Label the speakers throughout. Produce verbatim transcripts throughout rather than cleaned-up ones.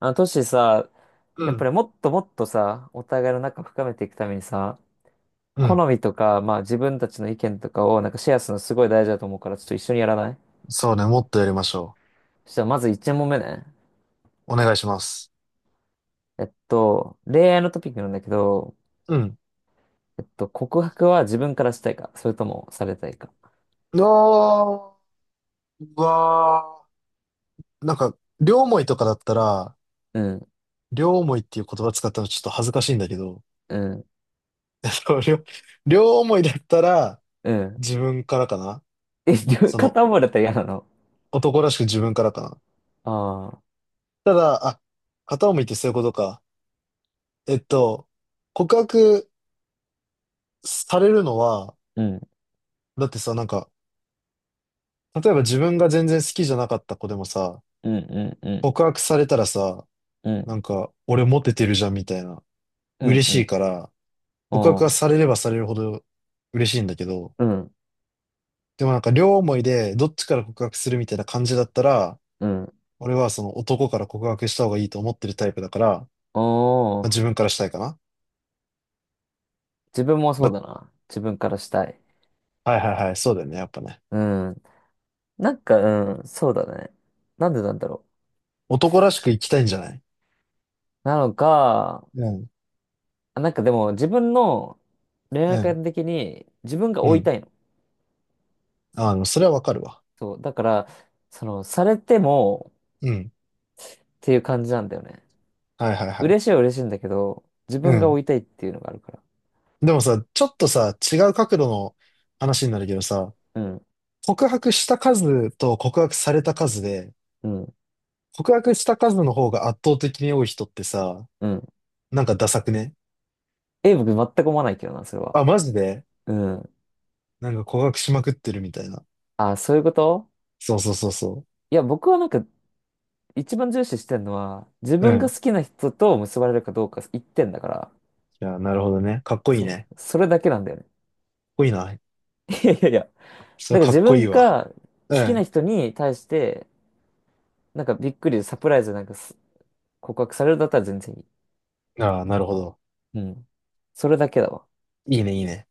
Speaker 1: あの、トシさ、
Speaker 2: う
Speaker 1: やっぱ
Speaker 2: ん、
Speaker 1: りもっともっとさ、お互いの仲深めていくためにさ、
Speaker 2: う
Speaker 1: 好
Speaker 2: ん。
Speaker 1: みとか、まあ自分たちの意見とかをなんかシェアするのすごい大事だと思うから、ちょっと一緒にやらない？
Speaker 2: そうね、もっとやりましょ
Speaker 1: そしたらまずいちもんめ問目ね。
Speaker 2: う。お願いします。
Speaker 1: えっと、恋愛のトピックなんだけど、
Speaker 2: うん。
Speaker 1: えっと、告白は自分からしたいか、それともされたいか。
Speaker 2: あー、うわー。なんか、両思いとかだったら、
Speaker 1: うん、
Speaker 2: 両思いっていう言葉使ったのちょっと恥ずかしいんだけど、
Speaker 1: うん、
Speaker 2: えっと両、両思いだったら、
Speaker 1: うん。
Speaker 2: 自分からかな。
Speaker 1: え、両
Speaker 2: その、
Speaker 1: 片思いだったら嫌なの？
Speaker 2: 男らしく自分からかな。
Speaker 1: ああ、
Speaker 2: ただ、あ、片思いってそういうことか。えっと、告白されるのは、
Speaker 1: うん、
Speaker 2: だってさ、なんか、例えば自分が全然好きじゃなかった子でもさ、
Speaker 1: うん、うん、うん、
Speaker 2: 告白されたらさ、
Speaker 1: う
Speaker 2: な
Speaker 1: ん、
Speaker 2: んか、俺モテてるじゃんみたいな。
Speaker 1: うん、
Speaker 2: 嬉し
Speaker 1: う
Speaker 2: い
Speaker 1: ん。
Speaker 2: から、
Speaker 1: お
Speaker 2: 告白が
Speaker 1: ー、
Speaker 2: されればされるほど嬉しいんだけど、
Speaker 1: うん、
Speaker 2: でもなんか両思いでどっちから告白するみたいな感じだったら、
Speaker 1: うん。
Speaker 2: 俺はその男から告白した方がいいと思ってるタイプだから、
Speaker 1: お
Speaker 2: まあ、自分
Speaker 1: ー、
Speaker 2: からしたいかな。
Speaker 1: 自分もそ
Speaker 2: ま
Speaker 1: うだな。自分からしたい。
Speaker 2: あ、はいはいはい、そうだよね、やっぱね。
Speaker 1: うん。なんか、うん、そうだね。なんでなんだろ
Speaker 2: 男らしく生きたいんじゃない？
Speaker 1: う。なのか、
Speaker 2: うん、
Speaker 1: あ、なんかでも自分の恋
Speaker 2: う
Speaker 1: 愛
Speaker 2: ん、
Speaker 1: 観的に自分が
Speaker 2: う
Speaker 1: 追い
Speaker 2: ん。
Speaker 1: たいの。
Speaker 2: あの、それはわかるわ。
Speaker 1: そう。だから、その、されても
Speaker 2: うん。
Speaker 1: っていう感じなんだよね。
Speaker 2: はいはいはい。
Speaker 1: 嬉しいは嬉しいんだけど、自
Speaker 2: う
Speaker 1: 分が
Speaker 2: ん。
Speaker 1: 追いたいっていうのがあるから。
Speaker 2: でもさ、ちょっとさ、違う角度の話になるけどさ、
Speaker 1: うん、
Speaker 2: 告白した数と告白された数で、
Speaker 1: うん、
Speaker 2: 告白した数の方が圧倒的に多い人ってさ、
Speaker 1: うん。
Speaker 2: なんかダサくね？
Speaker 1: え、僕全く思わないけどな、それは。
Speaker 2: あ、マジで？
Speaker 1: うん。
Speaker 2: なんか告白しまくってるみたいな。
Speaker 1: あ、そういうこと？
Speaker 2: そうそうそうそ
Speaker 1: いや、僕はなんか一番重視してるのは、自
Speaker 2: う。う
Speaker 1: 分
Speaker 2: ん。
Speaker 1: が
Speaker 2: い
Speaker 1: 好きな人と結ばれるかどうか一点だから、
Speaker 2: や、なるほどね。かっこいい
Speaker 1: そ
Speaker 2: ね。かっ
Speaker 1: う。それだけなんだよね。
Speaker 2: こいいな。
Speaker 1: いやいやいや、
Speaker 2: それ
Speaker 1: な
Speaker 2: は
Speaker 1: んか
Speaker 2: かっ
Speaker 1: 自
Speaker 2: こいい
Speaker 1: 分
Speaker 2: わ。
Speaker 1: が
Speaker 2: う
Speaker 1: 好きな
Speaker 2: ん。
Speaker 1: 人に対して、なんかびっくりサプライズなんかす告白されるだったら全然いい。
Speaker 2: ああ、なるほど。
Speaker 1: うん。それだけだわ。
Speaker 2: いいね、いいね。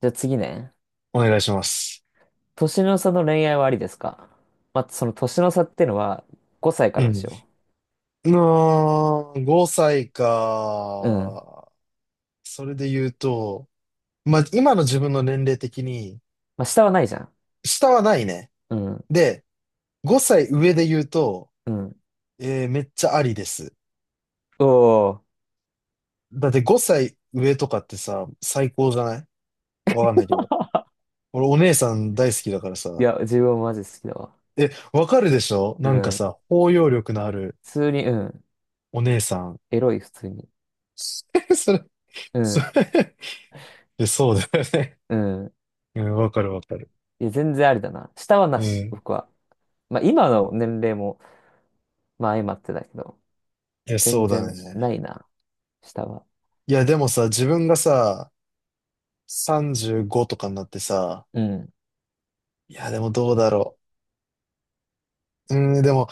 Speaker 1: じゃあ次ね。
Speaker 2: お願いします。
Speaker 1: 年の差の恋愛はありですか？まあ、その年の差っていうのはごさいか
Speaker 2: う
Speaker 1: らにし
Speaker 2: ん。
Speaker 1: よ
Speaker 2: うーん、ごさい
Speaker 1: う。うん。
Speaker 2: か。それで言うと、まあ、今の自分の年齢的に、
Speaker 1: まあ、下はないじゃん。
Speaker 2: 下はないね。
Speaker 1: うん。
Speaker 2: で、ごさい上で言うと、
Speaker 1: うん。
Speaker 2: えーめっちゃありです。
Speaker 1: おー。
Speaker 2: だってごさい上とかってさ、最高じゃない？わかんないけど。俺お姉さん大好きだから
Speaker 1: い
Speaker 2: さ。
Speaker 1: や、自分はマジ好きだわ。
Speaker 2: え、わかるでしょ？
Speaker 1: う
Speaker 2: なんか
Speaker 1: ん。普
Speaker 2: さ、包容力のある
Speaker 1: 通に、うん。
Speaker 2: お姉さん。
Speaker 1: エロい、普通に。
Speaker 2: それ、
Speaker 1: う
Speaker 2: そ
Speaker 1: ん。
Speaker 2: れ、え、そうだよね。
Speaker 1: うん。
Speaker 2: うん、わかるわかる。
Speaker 1: いや、全然ありだな。下は
Speaker 2: う
Speaker 1: なし、
Speaker 2: ん。
Speaker 1: 僕は。まあ、今の年齢も、まあ、相まってだけど。
Speaker 2: え、そ
Speaker 1: 全
Speaker 2: うだ
Speaker 1: 然
Speaker 2: ね。
Speaker 1: ないな、下は。
Speaker 2: いや、でもさ、自分がさ、さんじゅうごとかになってさ、
Speaker 1: うん。
Speaker 2: いや、でもどうだろう。うん、でも、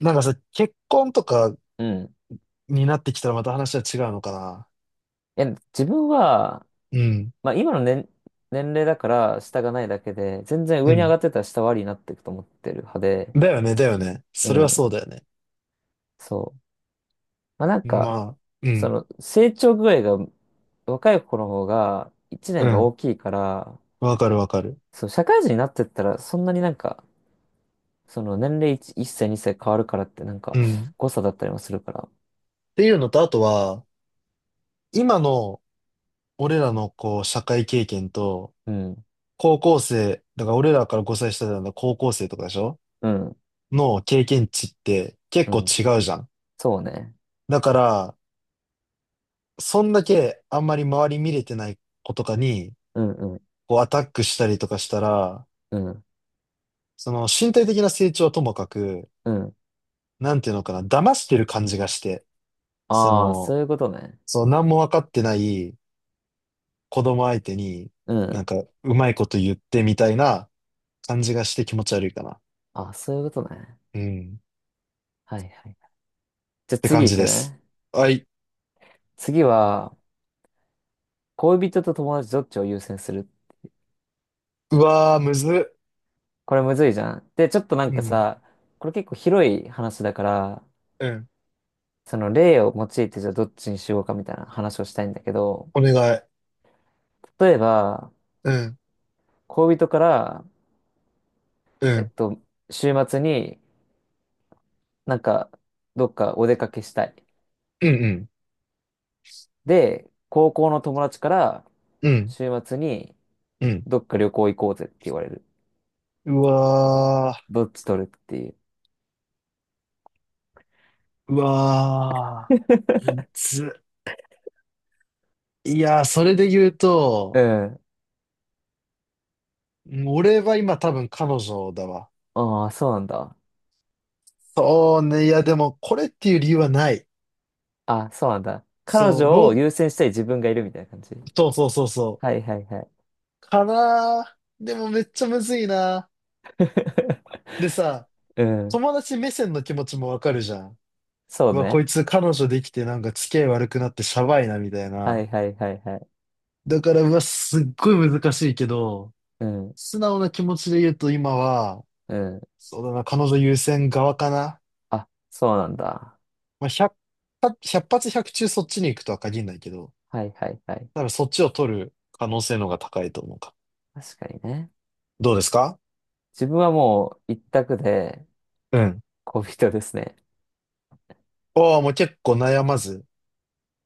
Speaker 2: なんかさ、結婚とか
Speaker 1: うん。い
Speaker 2: になってきたらまた話は違うのかな。
Speaker 1: や、自分は、
Speaker 2: うん、
Speaker 1: まあ今の年、年齢だから下がないだけで、全然
Speaker 2: う
Speaker 1: 上に上
Speaker 2: ん。
Speaker 1: がってたら下はあになっていくと思ってる派で、
Speaker 2: だよね、だよね。
Speaker 1: う
Speaker 2: それは
Speaker 1: ん。
Speaker 2: そうだよね。
Speaker 1: そう。まあなんか、
Speaker 2: まあ、う
Speaker 1: そ
Speaker 2: ん、
Speaker 1: の成長具合が若い子の方が1
Speaker 2: う
Speaker 1: 年が
Speaker 2: ん。
Speaker 1: 大きいから、
Speaker 2: わかるわかる。
Speaker 1: そう、社会人になってったらそんなになんか、その年齢 いち, 歳にさい変わるからってなん
Speaker 2: う
Speaker 1: か
Speaker 2: ん。っ
Speaker 1: 誤差だったりもするから。
Speaker 2: ていうのと、あとは、今の俺らのこう、社会経験と、
Speaker 1: うん。
Speaker 2: 高校生、だから俺らからごさい下なんだ高校生とかでしょ？
Speaker 1: うん。
Speaker 2: の経験値って結
Speaker 1: う
Speaker 2: 構
Speaker 1: ん。
Speaker 2: 違うじゃん。
Speaker 1: そうね。
Speaker 2: だから、そんだけあんまり周り見れてない子とかに、
Speaker 1: うんうん。
Speaker 2: こう、アタックしたりとかしたら、
Speaker 1: うん。
Speaker 2: その身体的な成長はともかく、
Speaker 1: うん。
Speaker 2: なんていうのかな、騙してる感じがして、そ
Speaker 1: ああ、
Speaker 2: の、
Speaker 1: そういうことね。
Speaker 2: そう、何も分かってない子供相手に、
Speaker 1: う
Speaker 2: なん
Speaker 1: ん。
Speaker 2: か、うまいこと言ってみたいな感じがして気持ち悪いかな。
Speaker 1: あ、そういうことね。
Speaker 2: うん。
Speaker 1: はいはい。じゃあ
Speaker 2: って感
Speaker 1: 次行
Speaker 2: じ
Speaker 1: く
Speaker 2: です。
Speaker 1: ね。
Speaker 2: はい。
Speaker 1: 次は、恋人と友達どっちを優先する？
Speaker 2: うわー、むずっ。
Speaker 1: これむずいじゃん。で、ちょっとなん
Speaker 2: う
Speaker 1: か
Speaker 2: ん。
Speaker 1: さ、これ結構広い話だから、
Speaker 2: うん。
Speaker 1: その例を用いてじゃあどっちにしようかみたいな話をしたいんだけど、
Speaker 2: お願い。
Speaker 1: 例えば、
Speaker 2: うん。
Speaker 1: 恋人から、
Speaker 2: う
Speaker 1: えっ
Speaker 2: ん。
Speaker 1: と、週末になんかどっかお出かけしたい。
Speaker 2: うん。うん。
Speaker 1: で、高校の友達から
Speaker 2: うん。
Speaker 1: 週末に
Speaker 2: うん。
Speaker 1: どっか旅行行こうぜって言われる。
Speaker 2: うわ
Speaker 1: どっち取るっていう。
Speaker 2: ー。うわー。むずっ。いやー、それで言う
Speaker 1: う
Speaker 2: と、
Speaker 1: ん。
Speaker 2: うん、俺は今多分彼女だわ。
Speaker 1: ああ、そうなんだ。
Speaker 2: そうね。いや、でも、これっていう理由はない。
Speaker 1: あ、そうなんだ。彼
Speaker 2: そう、
Speaker 1: 女を
Speaker 2: 論、
Speaker 1: 優先したい自分がいるみたいな感じ。
Speaker 2: そうそうそうそ
Speaker 1: は
Speaker 2: う。
Speaker 1: いはいはい。
Speaker 2: かなあ。でもめっちゃむずいな。でさ、
Speaker 1: うん。
Speaker 2: 友達目線の気持ちもわかるじゃん。
Speaker 1: そう
Speaker 2: うわ、こ
Speaker 1: ね。
Speaker 2: いつ彼女できてなんか付き合い悪くなってシャバいなみたい
Speaker 1: は
Speaker 2: な。
Speaker 1: いはいはいはい。
Speaker 2: だから、うわ、すっごい難しいけど、
Speaker 1: うん。
Speaker 2: 素直な気持ちで言うと今は、
Speaker 1: うん。
Speaker 2: そうだな、彼女優先側かな。
Speaker 1: あ、そうなんだ。
Speaker 2: まあ、ひゃく、ひゃっ発ひゃく中そっちに行くとは限らないけど、
Speaker 1: はいはいはい。
Speaker 2: 多分そっちを取る可能性の方が高いと思うか。
Speaker 1: 確かにね。
Speaker 2: どうですか？
Speaker 1: 自分はもう一択で
Speaker 2: うん。
Speaker 1: 恋人ですね。
Speaker 2: おー、もう結構悩まず。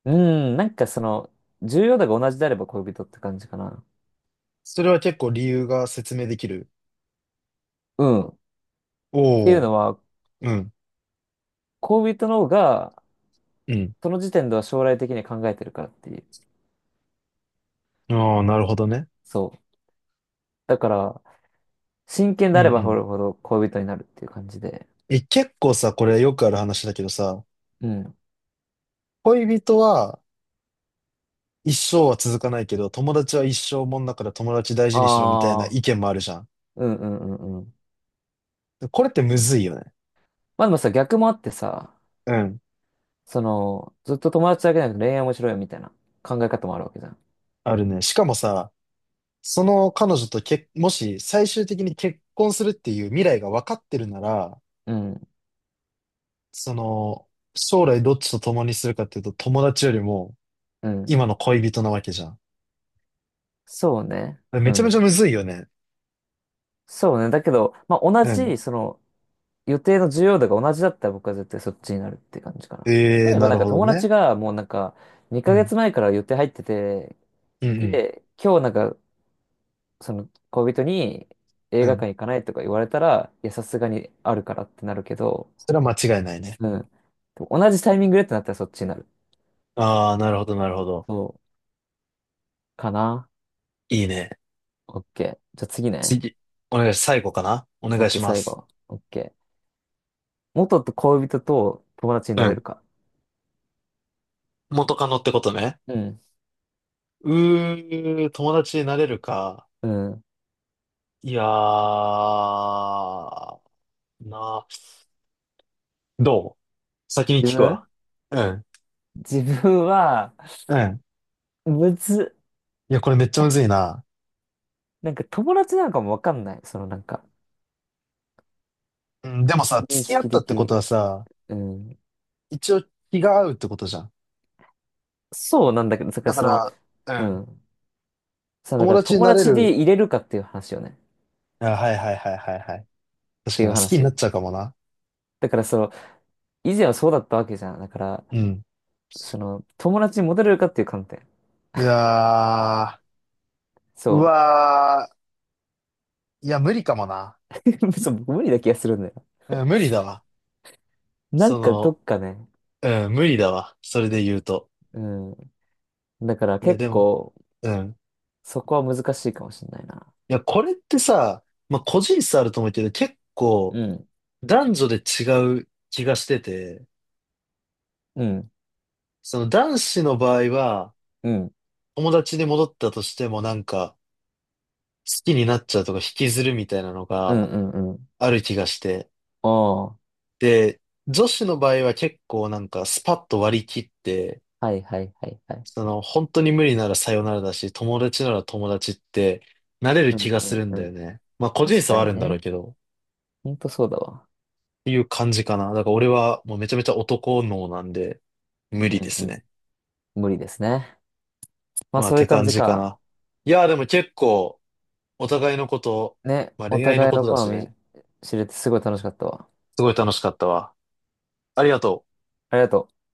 Speaker 1: うん。なんかその、重要度が同じであれば恋人って感じかな。
Speaker 2: それは結構理由が説明できる。
Speaker 1: うん。っていう
Speaker 2: おお。
Speaker 1: のは、
Speaker 2: うん。
Speaker 1: 恋人の方が、
Speaker 2: うん。
Speaker 1: その時点では将来的に考えてるからっていう。
Speaker 2: ああ、なるほどね。
Speaker 1: そう。だから、真剣
Speaker 2: う
Speaker 1: で
Speaker 2: ん
Speaker 1: あれ
Speaker 2: う
Speaker 1: ばほ
Speaker 2: ん。
Speaker 1: るほど恋人になるっていう感じで。
Speaker 2: え、結構さ、これよくある話だけどさ、
Speaker 1: うん。
Speaker 2: 恋人は一生は続かないけど、友達は一生もんだから友達大事にしろみたいな
Speaker 1: ああ、
Speaker 2: 意見もあるじゃん。
Speaker 1: うんうんうんうん。
Speaker 2: これってむずいよね。
Speaker 1: まあでもさ、逆もあってさ、
Speaker 2: うん。
Speaker 1: その、ずっと友達だけじゃなくて恋愛面白いよみたいな考え方もあるわけじゃん。
Speaker 2: あるね。しかもさ、その彼女とけ、もし最終的に結婚するっていう未来が分かってるなら、
Speaker 1: うん、
Speaker 2: その、将来どっちと共にするかっていうと、友達よりも
Speaker 1: うん。
Speaker 2: 今の恋人なわけじゃん。
Speaker 1: そうね。う
Speaker 2: めちゃめちゃ
Speaker 1: ん。
Speaker 2: むずいよね。
Speaker 1: そうね。だけど、まあ同
Speaker 2: うん。
Speaker 1: じ、その、予定の重要度が同じだったら僕は絶対そっちになるって感じかな。
Speaker 2: ええ
Speaker 1: 例
Speaker 2: ー、
Speaker 1: えば
Speaker 2: な
Speaker 1: なん
Speaker 2: る
Speaker 1: か
Speaker 2: ほど
Speaker 1: 友達
Speaker 2: ね。
Speaker 1: がもうなんか、
Speaker 2: う
Speaker 1: 2ヶ
Speaker 2: ん。
Speaker 1: 月前から予定入ってて、
Speaker 2: うん、うん。
Speaker 1: で、今日なんかその恋人に映
Speaker 2: う
Speaker 1: 画
Speaker 2: ん。
Speaker 1: 館行かないとか言われたら、いや、さすがにあるからってなるけど、
Speaker 2: それは間違いないね。
Speaker 1: うん。でも同じタイミングでってなったらそっちになる。
Speaker 2: ああ、なるほど、なるほど。
Speaker 1: そう。かな？
Speaker 2: いいね。
Speaker 1: OK。じゃあ次ね。
Speaker 2: 次、お願いし、最後かな。お願い
Speaker 1: OK、
Speaker 2: しま
Speaker 1: 最
Speaker 2: す。
Speaker 1: 後。OK。元と恋人と友達にな
Speaker 2: う
Speaker 1: れる
Speaker 2: ん。
Speaker 1: か。
Speaker 2: 元カノってことね。
Speaker 1: うん。
Speaker 2: うー、友達になれるか。
Speaker 1: うん。
Speaker 2: いやー、な、どう？先に
Speaker 1: 自
Speaker 2: 聞く
Speaker 1: 分
Speaker 2: わ。うん。
Speaker 1: 自分は、
Speaker 2: うん。
Speaker 1: むずっ。
Speaker 2: いや、これめっちゃむずいな。
Speaker 1: なんか友達なのかもわかんない。そのなんか、
Speaker 2: うん、でもさ、
Speaker 1: 認
Speaker 2: 付き合っ
Speaker 1: 識
Speaker 2: たっ
Speaker 1: 的
Speaker 2: てこ
Speaker 1: に。
Speaker 2: とはさ、
Speaker 1: うん。
Speaker 2: 一応気が合うってことじゃん。
Speaker 1: そうなんだけど、だか
Speaker 2: だ
Speaker 1: ら
Speaker 2: か
Speaker 1: その、
Speaker 2: ら、
Speaker 1: う
Speaker 2: うん。
Speaker 1: ん。そう、だか
Speaker 2: 友
Speaker 1: ら
Speaker 2: 達に
Speaker 1: 友
Speaker 2: なれ
Speaker 1: 達で
Speaker 2: る。
Speaker 1: 入れるかっていう話よね。
Speaker 2: あ、はいはいはいはいはい。
Speaker 1: っ
Speaker 2: 確
Speaker 1: て
Speaker 2: か
Speaker 1: い
Speaker 2: に、
Speaker 1: う
Speaker 2: 好きにな
Speaker 1: 話。
Speaker 2: っちゃうかもな。
Speaker 1: だからその、以前はそうだったわけじゃん。だから、
Speaker 2: うん。
Speaker 1: その、友達にモテれるかっていう観点。
Speaker 2: いやあ、う
Speaker 1: そ
Speaker 2: わー、いや、無理かもな。
Speaker 1: う。そう、僕無理な気がするんだよ。
Speaker 2: うん、無理だわ。
Speaker 1: なん
Speaker 2: そ
Speaker 1: かど
Speaker 2: の、
Speaker 1: っかね、
Speaker 2: うん、無理だわ。それで言うと。
Speaker 1: うん。だから
Speaker 2: いや、
Speaker 1: 結
Speaker 2: でも、
Speaker 1: 構、
Speaker 2: うん。
Speaker 1: そこは難しいかもしれないな。
Speaker 2: いや、これってさ、まあ、個人差あると思うけど、結構、
Speaker 1: うん、
Speaker 2: 男女で違う気がしてて、
Speaker 1: うん、
Speaker 2: その男子の場合は、
Speaker 1: うん、
Speaker 2: 友達に戻ったとしてもなんか、好きになっちゃうとか引きずるみたいなの
Speaker 1: うん、
Speaker 2: が
Speaker 1: うん、うん。
Speaker 2: ある気がして、
Speaker 1: おー、
Speaker 2: で、女子の場合は結構なんかスパッと割り切って、
Speaker 1: はいはいはいはい。
Speaker 2: その本当に無理ならさよならだし、友達なら友達ってなれる
Speaker 1: う
Speaker 2: 気
Speaker 1: ん、
Speaker 2: が
Speaker 1: う
Speaker 2: する
Speaker 1: ん、
Speaker 2: んだ
Speaker 1: う
Speaker 2: よ
Speaker 1: ん。
Speaker 2: ね。まあ個人
Speaker 1: 確
Speaker 2: 差
Speaker 1: か
Speaker 2: はあ
Speaker 1: に
Speaker 2: るんだろう
Speaker 1: ね。
Speaker 2: けど、っ
Speaker 1: ほんとそうだわ。
Speaker 2: ていう感じかな。だから俺はもうめちゃめちゃ男脳なんで無
Speaker 1: う
Speaker 2: 理で
Speaker 1: ん、う
Speaker 2: す
Speaker 1: ん。
Speaker 2: ね。
Speaker 1: 無理ですね。まあ
Speaker 2: まあっ
Speaker 1: そうい
Speaker 2: て
Speaker 1: う感
Speaker 2: 感
Speaker 1: じ
Speaker 2: じか
Speaker 1: か。
Speaker 2: な。いやーでも結構お互いのこと、
Speaker 1: ね、
Speaker 2: まあ
Speaker 1: お
Speaker 2: 恋愛の
Speaker 1: 互い
Speaker 2: こ
Speaker 1: の
Speaker 2: とだ
Speaker 1: 好
Speaker 2: し
Speaker 1: み
Speaker 2: ね、
Speaker 1: 知れてすごい楽しかったわ。
Speaker 2: すごい楽しかったわ。ありがとう。
Speaker 1: ありがとう。